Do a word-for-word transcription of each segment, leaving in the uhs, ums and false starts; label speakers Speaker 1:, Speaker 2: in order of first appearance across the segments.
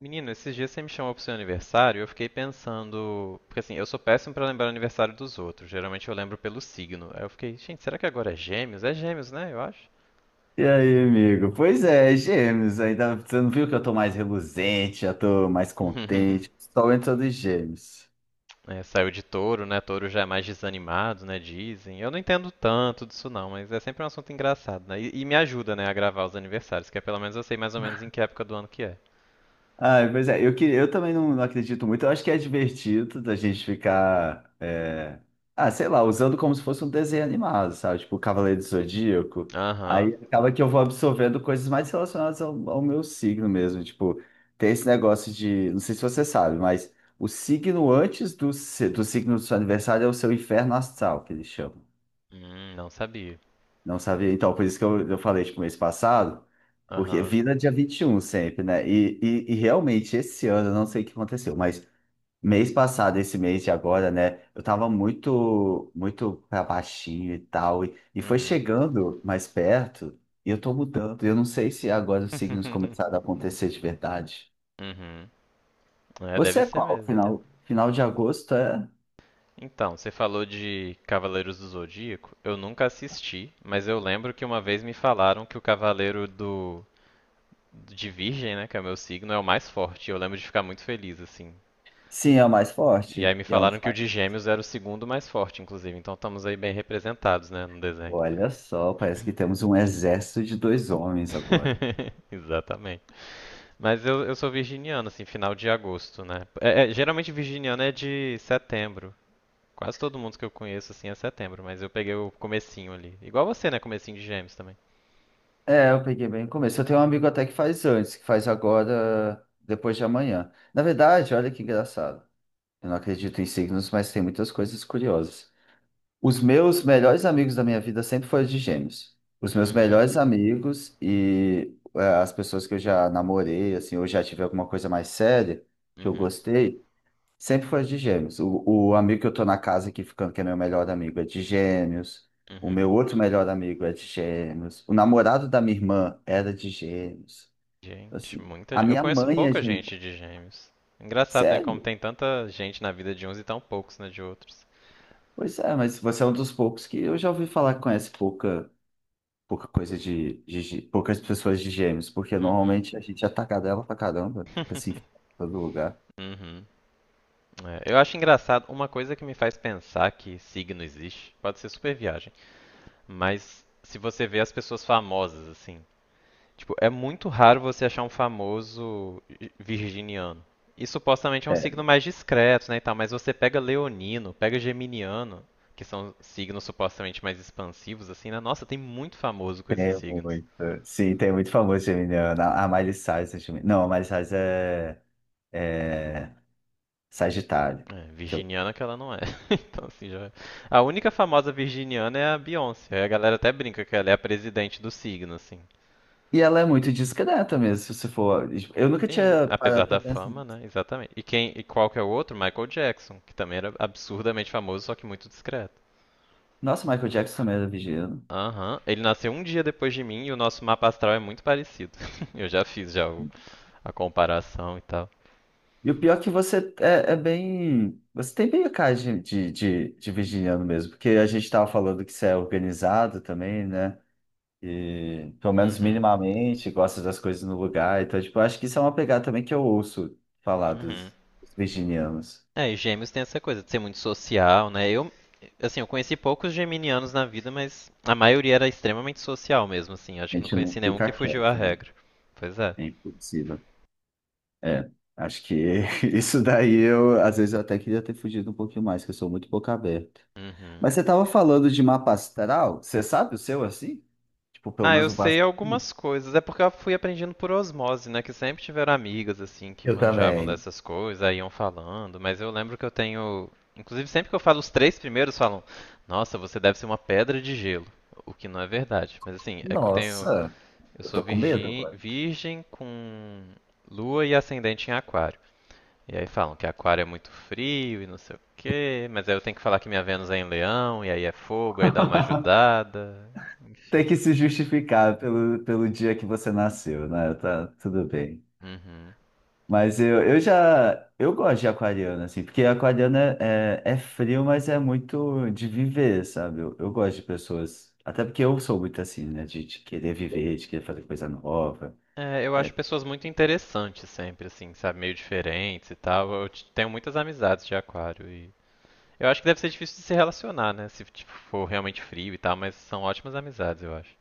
Speaker 1: Menino, esses dias você me chamou pro seu aniversário, e eu fiquei pensando, porque assim, eu sou péssimo pra lembrar o aniversário dos outros. Geralmente eu lembro pelo signo. Aí eu fiquei, gente, será que agora é Gêmeos? É Gêmeos, né? Eu acho.
Speaker 2: E aí, amigo? Pois é, gêmeos. Ainda você não viu que eu tô mais reluzente, já tô mais contente. Só entra dos gêmeos.
Speaker 1: É, saiu de touro, né? Touro já é mais desanimado, né? Dizem. Eu não entendo tanto disso não, mas é sempre um assunto engraçado, né? E, e me ajuda, né, a gravar os aniversários, que é pelo menos eu sei mais ou menos em que época do ano que é.
Speaker 2: Ah, pois é, eu, que- eu também não, não acredito muito. Eu acho que é divertido da gente ficar, é, ah, sei lá, usando como se fosse um desenho animado, sabe? Tipo Cavaleiro do Zodíaco.
Speaker 1: Aham.
Speaker 2: Aí acaba que eu vou absorvendo coisas mais relacionadas ao, ao meu signo mesmo. Tipo, tem esse negócio de, não sei se você sabe, mas o signo antes do, se- do signo do seu aniversário é o seu inferno astral, que eles chamam.
Speaker 1: Hum, não sabia.
Speaker 2: Não sabia. Então, por isso que eu, eu falei, tipo, mês passado, porque
Speaker 1: Aham.
Speaker 2: vira dia vinte e um sempre, né? E, e, e realmente, esse ano, eu não sei o que aconteceu, mas mês passado, esse mês de agora, né? Eu tava muito, muito pra baixinho e tal, e, e foi
Speaker 1: Uhum.
Speaker 2: chegando mais perto, e eu tô mudando. Eu não sei se agora os signos começaram a acontecer de verdade.
Speaker 1: Uhum. É,
Speaker 2: Você
Speaker 1: deve
Speaker 2: é
Speaker 1: ser
Speaker 2: qual?
Speaker 1: mesmo, né?
Speaker 2: Final, final de agosto é?
Speaker 1: Então, você falou de Cavaleiros do Zodíaco. Eu nunca assisti, mas eu lembro que uma vez me falaram que o Cavaleiro do de Virgem, né, que é o meu signo, é o mais forte. Eu lembro de ficar muito feliz assim.
Speaker 2: Sim, é o mais
Speaker 1: E aí
Speaker 2: forte.
Speaker 1: me
Speaker 2: E é um dos
Speaker 1: falaram que o
Speaker 2: mais...
Speaker 1: de Gêmeos era o segundo mais forte, inclusive. Então estamos aí bem representados, né, no desenho.
Speaker 2: Olha só, parece que temos um exército de dois homens agora.
Speaker 1: Exatamente. Mas eu, eu sou virginiano, assim, final de agosto, né? É- é, geralmente virginiano é de setembro. Quase todo mundo que eu conheço, assim, é setembro, mas eu peguei o comecinho ali. Igual você, né? Comecinho de gêmeos também.
Speaker 2: É, eu peguei bem no começo. Eu tenho um amigo até que faz antes, que faz agora, depois de amanhã. Na verdade, olha que engraçado. Eu não acredito em signos, mas tem muitas coisas curiosas. Os meus melhores amigos da minha vida sempre foram de gêmeos. Os meus
Speaker 1: Uhum,
Speaker 2: melhores amigos e é, as pessoas que eu já namorei, assim, ou já tive alguma coisa mais séria que eu
Speaker 1: uhum,
Speaker 2: gostei, sempre foi de gêmeos. O, o amigo que eu tô na casa aqui ficando, que é meu melhor amigo, é de gêmeos. O meu
Speaker 1: uhum.
Speaker 2: outro melhor amigo é de gêmeos. O namorado da minha irmã era de gêmeos.
Speaker 1: Gente,
Speaker 2: Assim,
Speaker 1: muita
Speaker 2: a
Speaker 1: gente. Eu
Speaker 2: minha
Speaker 1: conheço
Speaker 2: mãe é
Speaker 1: pouca
Speaker 2: gêmeo.
Speaker 1: gente de gêmeos. Engraçado, né? Como
Speaker 2: Sério?
Speaker 1: tem tanta gente na vida de uns e tão poucos na de outros.
Speaker 2: Pois é, mas você é um dos poucos que eu já ouvi falar que conhece pouca, pouca coisa de, de, gê- poucas pessoas de gêmeos, porque
Speaker 1: Uhum.
Speaker 2: normalmente a gente é atacadela pra caramba, fica assim em todo lugar.
Speaker 1: Uhum. É, eu acho engraçado, uma coisa que me faz pensar que signo existe, pode ser super viagem, mas se você vê as pessoas famosas, assim, tipo, é muito raro você achar um famoso virginiano. E supostamente é um signo
Speaker 2: É,
Speaker 1: mais discreto, né, e tal, mas você pega leonino, pega geminiano, que são signos supostamente mais expansivos, assim, né? Nossa, tem muito famoso com esses
Speaker 2: tem
Speaker 1: signos.
Speaker 2: muito. Sim, tem muito famoso geminiano. A a Miley Cyrus é geminiana. Não, a Miley Cyrus é, é, Sagitário.
Speaker 1: É,
Speaker 2: que eu-
Speaker 1: virginiana que ela não é. Então, assim, já... é. A única famosa virginiana é a Beyoncé. Aí a galera até brinca que ela é a presidente do signo, assim.
Speaker 2: E ela é muito discreta mesmo, se você for. Eu nunca
Speaker 1: Sim,
Speaker 2: tinha
Speaker 1: apesar
Speaker 2: parado pra
Speaker 1: da
Speaker 2: pensar.
Speaker 1: fama, né? Exatamente. E quem e qual que é o outro? Michael Jackson, que também era absurdamente famoso, só que muito discreto.
Speaker 2: Nossa, Michael Jackson também era virginiano.
Speaker 1: Aham. Ele nasceu um dia depois de mim e o nosso mapa astral é muito parecido. Eu já fiz já o- a comparação e tal.
Speaker 2: E o pior é que você é, é bem. Você tem bem a cara de, de, de, de virginiano mesmo, porque a gente tava falando que você é organizado também, né? E pelo menos
Speaker 1: Uhum.
Speaker 2: minimamente gosta das coisas no lugar. Então, tipo, eu acho que isso é uma pegada também que eu ouço falar
Speaker 1: Uhum.
Speaker 2: dos, dos virginianos.
Speaker 1: É, e gêmeos tem essa coisa de ser muito social, né? Eu, assim, eu conheci poucos geminianos na vida, mas a maioria era extremamente social mesmo, assim. Acho
Speaker 2: A
Speaker 1: que não
Speaker 2: gente
Speaker 1: conheci
Speaker 2: não
Speaker 1: nenhum que
Speaker 2: fica
Speaker 1: fugiu à
Speaker 2: quieto, né?
Speaker 1: regra. Pois é.
Speaker 2: É impossível. É, acho que isso daí eu, às vezes eu até queria ter fugido um pouquinho mais, que eu sou muito boca aberta. Mas
Speaker 1: Uhum.
Speaker 2: você tava falando de mapa astral, você sabe o seu assim? Tipo, pelo
Speaker 1: Ah,
Speaker 2: menos
Speaker 1: eu
Speaker 2: o
Speaker 1: sei
Speaker 2: básico.
Speaker 1: algumas coisas. É porque eu fui aprendendo por osmose, né? Que sempre tiveram amigas, assim, que
Speaker 2: Eu
Speaker 1: manjavam
Speaker 2: também.
Speaker 1: dessas coisas, aí iam falando. Mas eu lembro que eu tenho. Inclusive, sempre que eu falo os três primeiros, falam: Nossa, você deve ser uma pedra de gelo. O que não é verdade. Mas assim, é que eu tenho.
Speaker 2: Nossa,
Speaker 1: Eu
Speaker 2: eu
Speaker 1: sou
Speaker 2: tô com medo
Speaker 1: virgem,
Speaker 2: agora.
Speaker 1: virgem com lua e ascendente em aquário. E aí falam que aquário é muito frio e não sei o quê. Mas aí eu tenho que falar que minha Vênus é em leão, e aí é fogo, aí dá uma ajudada. Enfim.
Speaker 2: Tem que se justificar pelo, pelo dia que você nasceu, né? Tá, tudo bem.
Speaker 1: Uhum.
Speaker 2: Mas eu, eu já. Eu gosto de aquariano, assim, porque aquariano é, é, é frio, mas é muito de viver, sabe? Eu, eu gosto de pessoas. Até porque eu sou muito assim, né? De, de querer viver, de querer fazer coisa nova.
Speaker 1: É, eu acho pessoas muito interessantes sempre, assim, sabe? Meio diferentes e tal. Eu t- tenho muitas amizades de aquário e. Eu acho que deve ser difícil de se relacionar, né? Se tipo, for realmente frio e tal, mas são ótimas amizades, eu acho.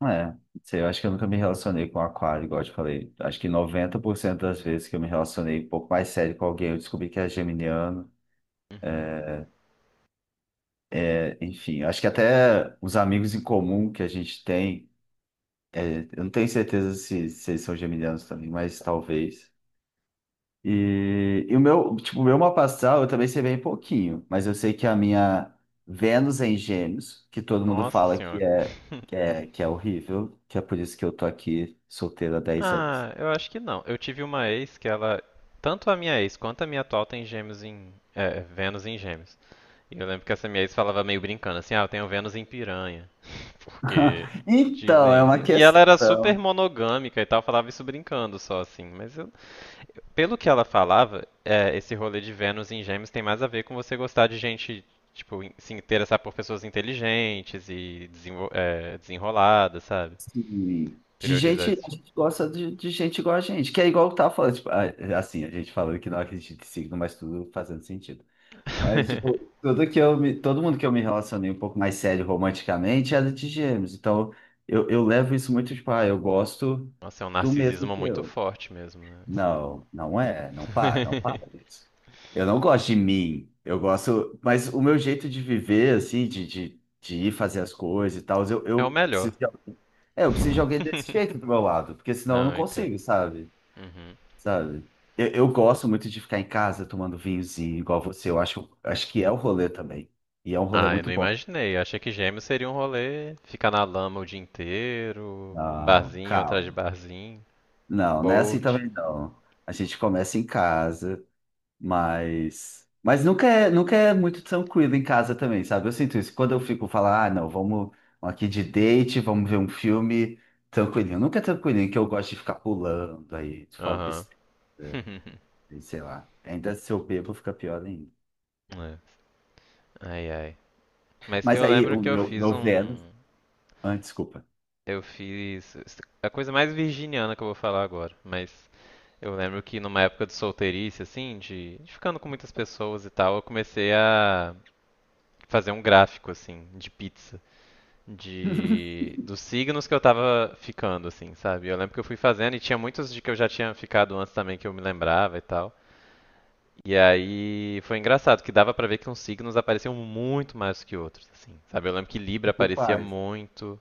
Speaker 2: Não É, não sei, eu acho que eu nunca me relacionei com aquário, igual eu te falei. Acho que noventa por cento das vezes que eu me relacionei um pouco mais sério com alguém, eu descobri que é geminiano.
Speaker 1: Uhum.
Speaker 2: É, enfim, acho que até os amigos em comum que a gente tem, é, eu não tenho certeza se, se eles são geminianos também, mas talvez. E, e o meu, tipo, o meu mapa astral eu também sei bem pouquinho, mas eu sei que a minha Vênus é em Gêmeos, que todo mundo
Speaker 1: Nossa
Speaker 2: fala que
Speaker 1: senhora.
Speaker 2: é, que é, que é horrível, que é por isso que eu tô aqui solteiro há dez anos.
Speaker 1: Ah, eu acho que não. Eu tive uma ex que ela. Tanto a minha ex quanto a minha atual tem gêmeos em. É, Vênus em gêmeos. E eu lembro que essa minha ex falava meio brincando, assim, ah, eu tenho Vênus em piranha. Porque
Speaker 2: Então, é
Speaker 1: dizem
Speaker 2: uma
Speaker 1: isso, né? E ela
Speaker 2: questão
Speaker 1: era super monogâmica e tal, falava isso brincando só assim. Mas eu- pelo que ela falava, é, esse rolê de Vênus em Gêmeos tem mais a ver com você gostar de gente, tipo, in- se interessar por pessoas inteligentes e desenvol- é, desenroladas, sabe?
Speaker 2: assim, de
Speaker 1: Priorizar
Speaker 2: gente, a
Speaker 1: esse tipo.
Speaker 2: gente gosta de, de gente igual a gente, que é igual eu tava falando, tipo, ah, é, assim, a gente falando que não acredita em signo, mas tudo fazendo sentido. Mas, tipo, tudo que eu me, todo mundo que eu me relacionei um pouco mais sério romanticamente era de gêmeos. Então, eu, eu levo isso muito, tipo, ah, eu gosto
Speaker 1: Nossa, é um
Speaker 2: do mesmo
Speaker 1: narcisismo
Speaker 2: que
Speaker 1: muito
Speaker 2: eu.
Speaker 1: forte mesmo, né? Assim.
Speaker 2: Não, não é. Não para, não para isso. Eu não gosto de mim. Eu gosto. Mas o meu jeito de viver, assim, de, de, de ir fazer as coisas e tal, eu,
Speaker 1: É o
Speaker 2: eu
Speaker 1: melhor.
Speaker 2: preciso de alguém. É, eu preciso de alguém desse jeito do meu lado, porque senão eu não
Speaker 1: Não, eu entendo.
Speaker 2: consigo, sabe?
Speaker 1: Uhum.
Speaker 2: Sabe? Eu, eu gosto muito de ficar em casa tomando vinhozinho, igual você. Eu acho, acho que é o rolê também. E é um rolê
Speaker 1: Ah, eu
Speaker 2: muito
Speaker 1: não
Speaker 2: bom.
Speaker 1: imaginei. Eu achei que gêmeos seria um rolê, ficar na lama o dia inteiro,
Speaker 2: Não,
Speaker 1: barzinho atrás de
Speaker 2: calma.
Speaker 1: barzinho,
Speaker 2: Não, não é assim
Speaker 1: bolt.
Speaker 2: também não. A gente começa em casa, mas. Mas nunca é, nunca é muito tranquilo em casa também, sabe? Eu sinto isso. Quando eu fico falar, ah, não, vamos aqui de date, vamos ver um filme tranquilinho. Nunca é tranquilinho, que eu gosto de ficar pulando, aí falo
Speaker 1: Aham.
Speaker 2: besteira, aí sei lá. Ainda se eu bebo, fica pior ainda.
Speaker 1: É. Ai, ai. Mas
Speaker 2: Mas
Speaker 1: eu
Speaker 2: aí
Speaker 1: lembro
Speaker 2: o
Speaker 1: que eu
Speaker 2: meu,
Speaker 1: fiz
Speaker 2: meu
Speaker 1: um.
Speaker 2: Vênus. Ah, desculpa.
Speaker 1: Eu fiz. A coisa mais virginiana que eu vou falar agora. Mas eu lembro que numa época de solteirice, assim, de, de ficando com muitas pessoas e tal, eu comecei a fazer um gráfico, assim, de pizza. De dos signos que eu tava ficando, assim, sabe? Eu lembro que eu fui fazendo e tinha muitos de que eu já tinha ficado antes também que eu me lembrava e tal. E aí foi engraçado que dava pra ver que uns signos apareciam muito mais do que outros, assim, sabe? Eu lembro que Libra
Speaker 2: Tipo
Speaker 1: aparecia
Speaker 2: Ares.
Speaker 1: muito.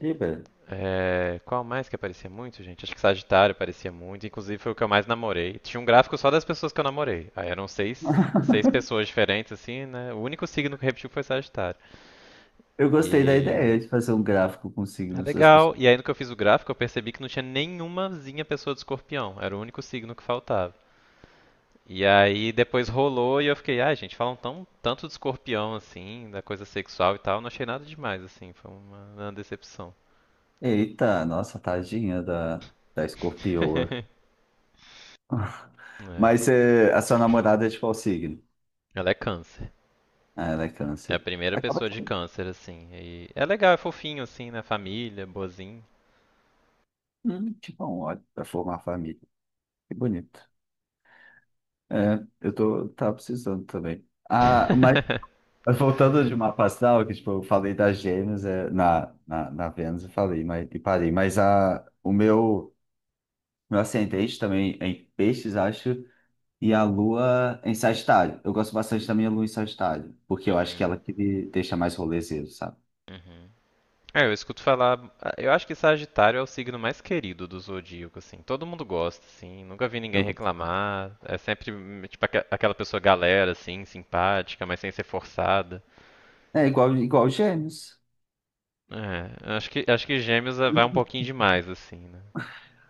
Speaker 2: Libra.
Speaker 1: É, qual mais que aparecia muito, gente? Acho que Sagitário aparecia muito. Inclusive foi o que eu mais namorei. Tinha um gráfico só das pessoas que eu namorei. Aí eram seis, seis pessoas diferentes, assim, né? O único signo que repetiu foi Sagitário.
Speaker 2: Eu gostei da
Speaker 1: E
Speaker 2: ideia de fazer um gráfico com
Speaker 1: é
Speaker 2: signos das
Speaker 1: legal.
Speaker 2: pessoas.
Speaker 1: E aí, no que eu fiz o gráfico, eu percebi que não tinha nenhumazinha pessoa de escorpião. Era o único signo que faltava. E aí, depois rolou e eu fiquei, ah gente, falam tão, tanto de escorpião, assim, da coisa sexual e tal. Não achei nada demais, assim. Foi uma, uma decepção.
Speaker 2: Eita, nossa, tadinha da, da escorpioa.
Speaker 1: É.
Speaker 2: Mas eh, a sua namorada é de qual signo?
Speaker 1: Ela é câncer.
Speaker 2: Ah, ela é
Speaker 1: É a
Speaker 2: câncer.
Speaker 1: primeira
Speaker 2: Acaba
Speaker 1: pessoa de
Speaker 2: sendo
Speaker 1: câncer, assim. E é legal, é fofinho, assim, né? Família, boazinho.
Speaker 2: hum, tipo um ódio para formar família. Que bonito. É, eu tô, tava precisando também. Ah, mas voltando de uma astral, que tipo, eu falei das gêmeas eh, na, na, na Vênus, eu falei, mas, e parei. Mas a, o meu. Meu ascendente também é em peixes, acho, e a lua em Sagitário. Eu gosto bastante da minha lua em Sagitário, porque eu acho que
Speaker 1: Uhum,
Speaker 2: ela que me deixa mais rolezeiro, sabe?
Speaker 1: uhum. É, eu escuto falar. Ah, eu acho que Sagitário é o signo mais querido do zodíaco, assim. Todo mundo gosta, assim. Nunca vi
Speaker 2: Eu
Speaker 1: ninguém
Speaker 2: gosto.
Speaker 1: reclamar. É sempre, hum, tipo, aque- aquela pessoa galera, assim, simpática, mas sem ser forçada.
Speaker 2: É igual, igual Gêmeos.
Speaker 1: É, acho que, acho que Gêmeos eh, vai um pouquinho demais, assim, né?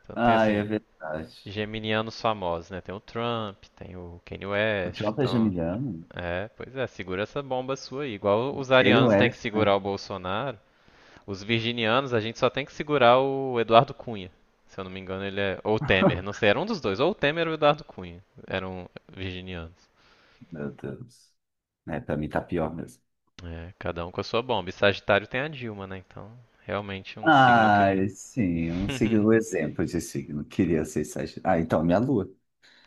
Speaker 1: Então tem,
Speaker 2: Ah, é
Speaker 1: assim,
Speaker 2: verdade.
Speaker 1: geminianos famosos, né? Tem o Trump, tem o Kanye
Speaker 2: O
Speaker 1: West,
Speaker 2: Jota é
Speaker 1: então.
Speaker 2: Geminiano?
Speaker 1: É, pois é, segura essa bomba sua aí. Igual os
Speaker 2: Kanye
Speaker 1: arianos têm que
Speaker 2: West,
Speaker 1: segurar
Speaker 2: né?
Speaker 1: o Bolsonaro. Os virginianos, a gente só tem que segurar o Eduardo Cunha. Se eu não me engano, ele é. Ou o Temer, não sei, era um dos dois. Ou o Temer ou o Eduardo Cunha. Eram virginianos.
Speaker 2: Meu Deus. É, pra mim tá pior mesmo.
Speaker 1: É, cada um com a sua bomba. E Sagitário tem a Dilma, né? Então, realmente um signo
Speaker 2: Ah,
Speaker 1: que.
Speaker 2: sim, um signo, um exemplo de signo. Queria ser Sagitário. Ah, então, minha lua.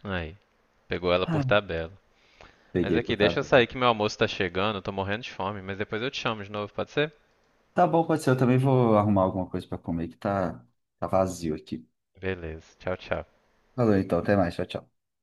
Speaker 1: Aí. Pegou ela por
Speaker 2: Ah,
Speaker 1: tabela. Mas
Speaker 2: Peguei
Speaker 1: aqui,
Speaker 2: por
Speaker 1: deixa eu
Speaker 2: tabela.
Speaker 1: sair que meu almoço tá chegando, eu tô morrendo de fome, mas depois eu te chamo de novo, pode ser?
Speaker 2: Tá bom, pode ser. Eu também vou arrumar alguma coisa pra comer que tá, tá vazio aqui.
Speaker 1: Beleza, tchau, tchau.
Speaker 2: Falou então, até mais. Tchau, tchau.